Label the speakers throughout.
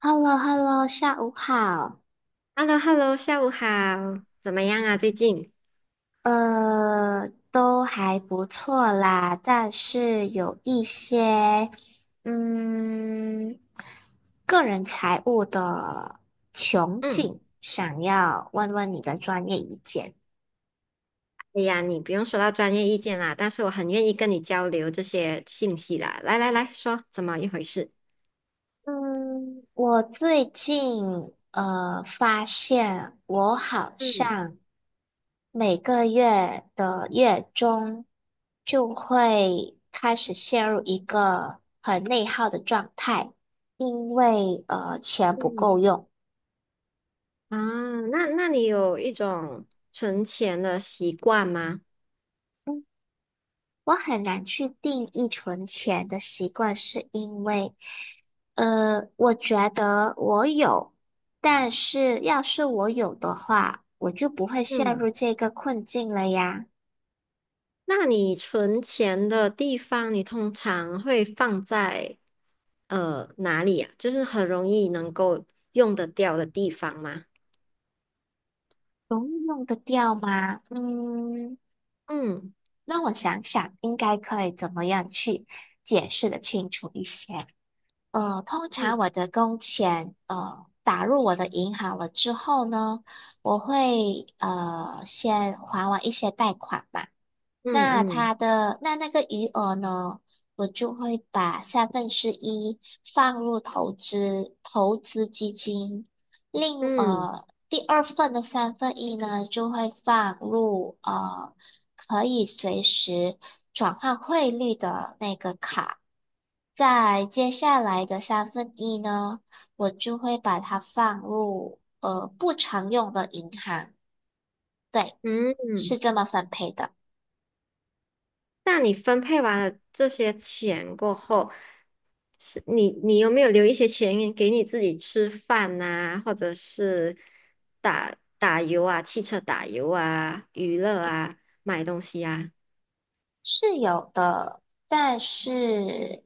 Speaker 1: h e l l o h e l l o 下午好。
Speaker 2: h e l l o hello 下午好，怎么样啊？最近？
Speaker 1: 都还不错啦，但是有一些，嗯，个人财务的窘
Speaker 2: 嗯，
Speaker 1: 境，想要问问你的专业意见。
Speaker 2: 哎呀，你不用说到专业意见啦，但是我很愿意跟你交流这些信息啦。来来来说，怎么一回事？
Speaker 1: 嗯，我最近发现我好
Speaker 2: 嗯
Speaker 1: 像。每个月的月中就会开始陷入一个很内耗的状态，因为钱不
Speaker 2: 嗯。
Speaker 1: 够用。
Speaker 2: 啊，那你有一种存钱的习惯吗？
Speaker 1: 嗯，我很难去定义存钱的习惯，是因为我觉得我有，但是要是我有的话，我就不会陷
Speaker 2: 嗯，
Speaker 1: 入这个困境了呀。
Speaker 2: 那你存钱的地方，你通常会放在哪里呀？就是很容易能够用得掉的地方吗？
Speaker 1: 容易用得掉吗？嗯。
Speaker 2: 嗯。
Speaker 1: 那我想想，应该可以怎么样去解释的清楚一些？通
Speaker 2: 嗯。
Speaker 1: 常我的工钱打入我的银行了之后呢，我会先还完一些贷款嘛，
Speaker 2: 嗯。
Speaker 1: 那
Speaker 2: 嗯。
Speaker 1: 它的那个余额呢，我就会把三分之一放入投资基金，另
Speaker 2: 嗯。
Speaker 1: 第二份的三分一呢就会放入可以随时转换汇率的那个卡，在接下来的三分一呢，我就会把它放入不常用的银行，对，
Speaker 2: 嗯。嗯，
Speaker 1: 是这么分配的。
Speaker 2: 那你分配完了这些钱过后，是你有没有留一些钱给你自己吃饭呐、或者是打打油啊、汽车打油啊、娱乐啊、买东西啊？
Speaker 1: 是有的，但是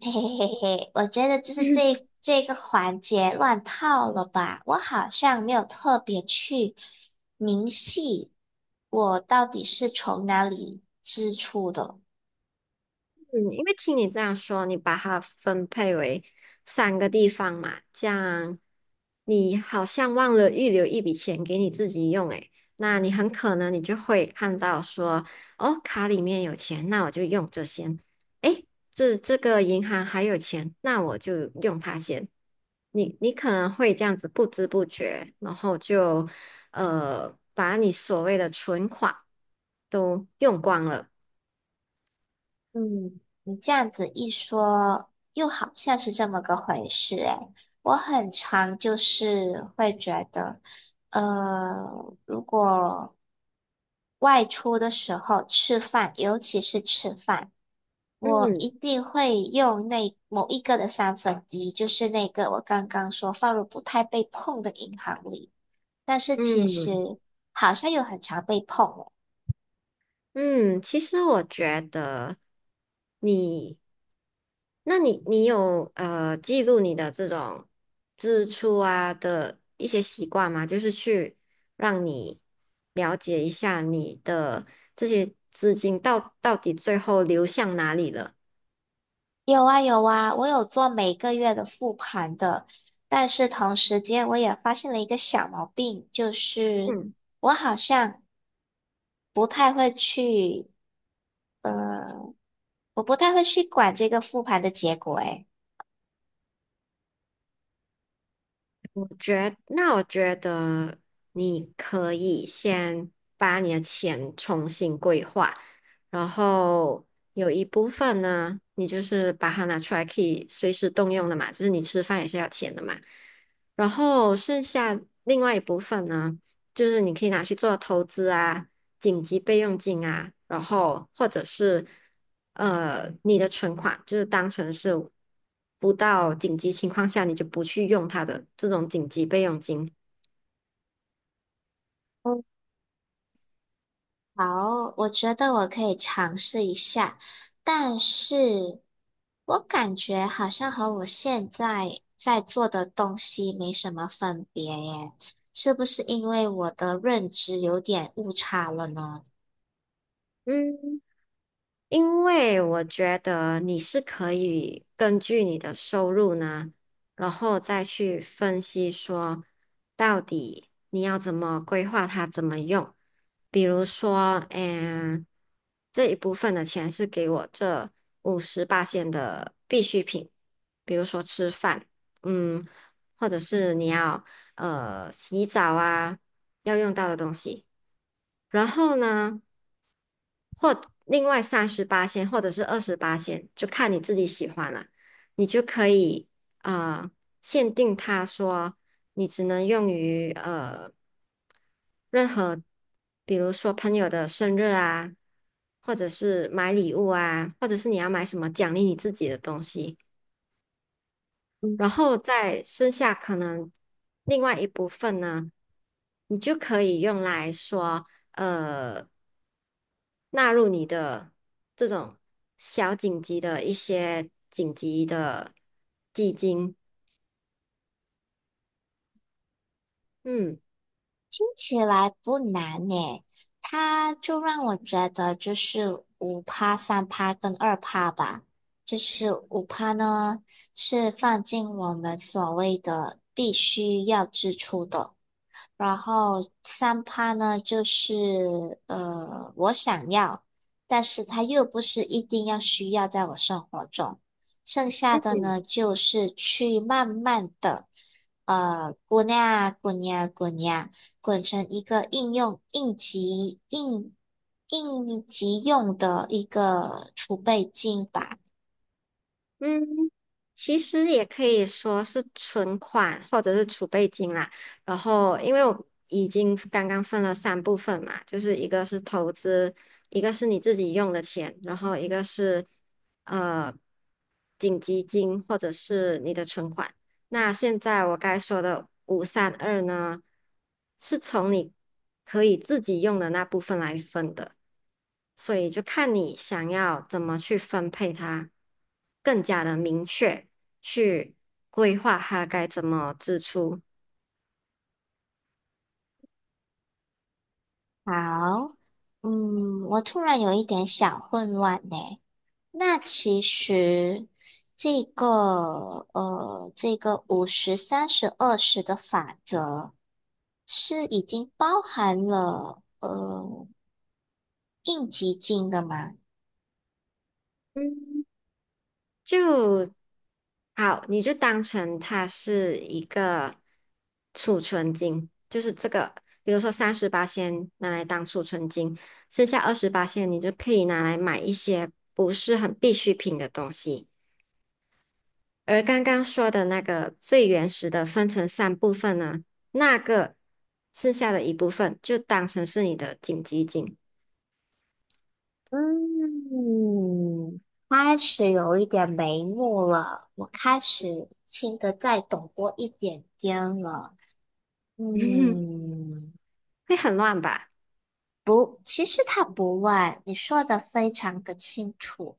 Speaker 1: 嘿嘿嘿嘿，我觉得就是这个环节乱套了吧？我好像没有特别去明细，我到底是从哪里支出的？
Speaker 2: 嗯，因为听你这样说，你把它分配为三个地方嘛，这样你好像忘了预留一笔钱给你自己用，诶，那你很可能你就会看到说，哦，卡里面有钱，那我就用这先，诶，这个银行还有钱，那我就用它先。你可能会这样子不知不觉，然后就把你所谓的存款都用光了。
Speaker 1: 嗯，你这样子一说，又好像是这么个回事诶。我很常就是会觉得，如果外出的时候吃饭，尤其是吃饭。我一
Speaker 2: 嗯
Speaker 1: 定会用那某一个的三分一，就是那个我刚刚说放入不太被碰的银行里。但是其
Speaker 2: 嗯。
Speaker 1: 实好像又很常被碰哦。
Speaker 2: 嗯，其实我觉得你，那你有记录你的这种支出啊的一些习惯吗？就是去让你了解一下你的这些资金到底最后流向哪里了。
Speaker 1: 有啊有啊，我有做每个月的复盘的，但是同时间我也发现了一个小毛病，就是
Speaker 2: 嗯。
Speaker 1: 我好像不太会去，我不太会去管这个复盘的结果诶。
Speaker 2: 那我觉得你可以先把你的钱重新规划，然后有一部分呢，你就是把它拿出来可以随时动用的嘛，就是你吃饭也是要钱的嘛。然后剩下另外一部分呢，就是你可以拿去做投资啊、紧急备用金啊，然后或者是你的存款，就是当成是不到紧急情况下你就不去用它的这种紧急备用金。
Speaker 1: 好，我觉得我可以尝试一下，但是我感觉好像和我现在在做的东西没什么分别耶，是不是因为我的认知有点误差了呢？
Speaker 2: 嗯。因为我觉得你是可以根据你的收入呢，然后再去分析说到底你要怎么规划它，怎么用。比如说，这一部分的钱是给我这58线的必需品，比如说吃饭，嗯，或者是你要洗澡啊要用到的东西。然后呢，或另外38仙或者是28仙，就看你自己喜欢了，你就可以呃限定他说你只能用于任何，比如说朋友的生日啊，或者是买礼物啊，或者是你要买什么奖励你自己的东西。然后再剩下可能另外一部分呢，你就可以用来说，呃，纳入你的这种小紧急的一些紧急的基金。嗯。
Speaker 1: 听起来不难耶，它就让我觉得就是五趴、三趴跟2%吧，就是五趴呢是放进我们所谓的必须要支出的。然后三趴呢，就是我想要，但是它又不是一定要需要在我生活中。剩下的呢，就是去慢慢的，滚呀滚呀滚呀，滚成一个应用应急应应急用的一个储备金吧。
Speaker 2: 嗯，其实也可以说是存款或者是储备金啦。然后，因为我已经刚刚分了三部分嘛，就是一个是投资，一个是你自己用的钱，然后一个是呃紧急金或者是你的存款。那现在我该说的五三二呢，是从你可以自己用的那部分来分的。所以就看你想要怎么去分配它，更加的明确去规划它该怎么支出。
Speaker 1: 好，我突然有一点小混乱呢。那其实这个这个50、30、20的法则是已经包含了应急金的吗？
Speaker 2: 嗯，就好，你就当成它是一个储存金，就是这个，比如说38先拿来当储存金，剩下28先你就可以拿来买一些不是很必需品的东西。而刚刚说的那个最原始的分成三部分呢，那个剩下的一部分就当成是你的紧急警。
Speaker 1: 嗯，开始有一点眉目了，我开始听得再懂多一点点了。嗯，
Speaker 2: 会很乱吧？
Speaker 1: 不，其实它不乱，你说的非常的清楚。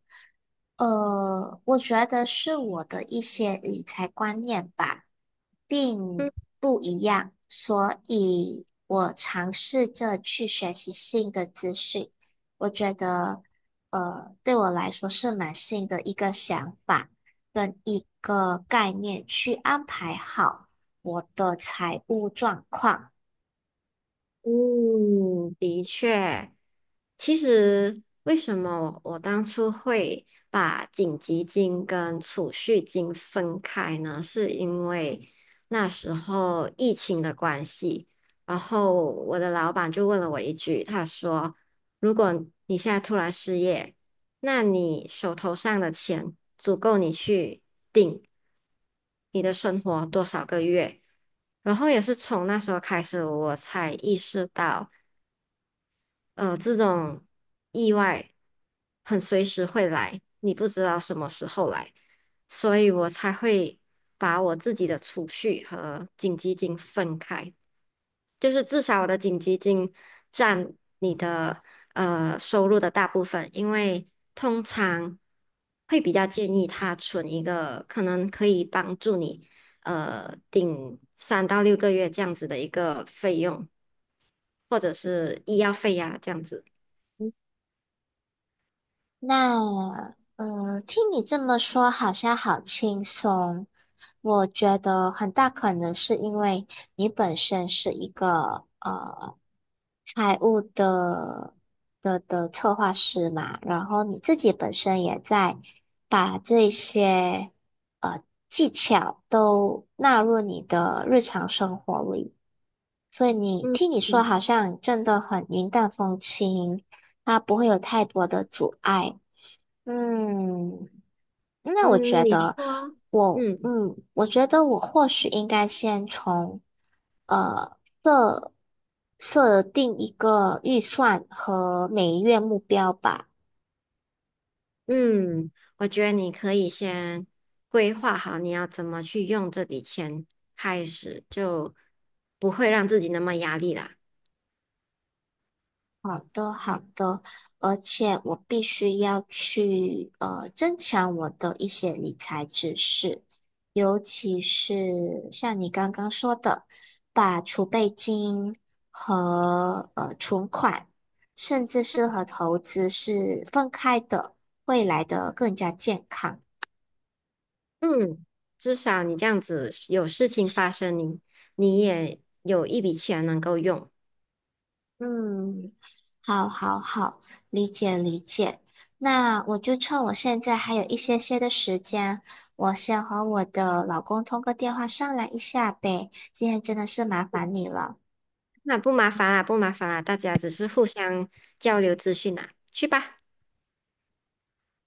Speaker 1: 我觉得是我的一些理财观念吧，
Speaker 2: 嗯。
Speaker 1: 并不一样，所以我尝试着去学习新的资讯。我觉得，对我来说是蛮新的一个想法跟一个概念，去安排好我的财务状况。
Speaker 2: 嗯，其实，为什么我当初会把紧急金跟储蓄金分开呢？是因为那时候疫情的关系，然后我的老板就问了我一句，他说：“如果你现在突然失业，那你手头上的钱足够你去顶你的生活多少个月？”然后也是从那时候开始，我才意识到。这种意外很随时会来，你不知道什么时候来，所以我才会把我自己的储蓄和紧急金分开，就是至少我的紧急金占你的收入的大部分，因为通常会比较建议他存一个可能可以帮助你顶3到6个月这样子的一个费用，或者是医药费呀、这样子。
Speaker 1: 那，听你这么说，好像好轻松。我觉得很大可能是因为你本身是一个财务的策划师嘛，然后你自己本身也在把这些呃技巧都纳入你的日常生活里，所以你
Speaker 2: 嗯。
Speaker 1: 听你说，
Speaker 2: 嗯。
Speaker 1: 好像真的很云淡风轻，它不会有太多的阻碍。嗯，那我觉
Speaker 2: 嗯，你
Speaker 1: 得
Speaker 2: 说，嗯
Speaker 1: 我或许应该先从呃设设定一个预算和每月目标吧。
Speaker 2: 嗯，我觉得你可以先规划好你要怎么去用这笔钱，开始就不会让自己那么压力啦。
Speaker 1: 好的，好的，而且我必须要去增强我的一些理财知识，尤其是像你刚刚说的，把储备金和存款，甚至是和投资是分开的，未来的更加健康。
Speaker 2: 嗯，至少你这样子有事情发生你，你也有一笔钱能够用，
Speaker 1: 嗯，好，好，好，理解，理解。那我就趁我现在还有一些些的时间，我先和我的老公通个电话商量一下呗。今天真的是麻烦你了。
Speaker 2: 那不麻烦啦，不麻烦啦，大家只是互相交流资讯啦，去吧。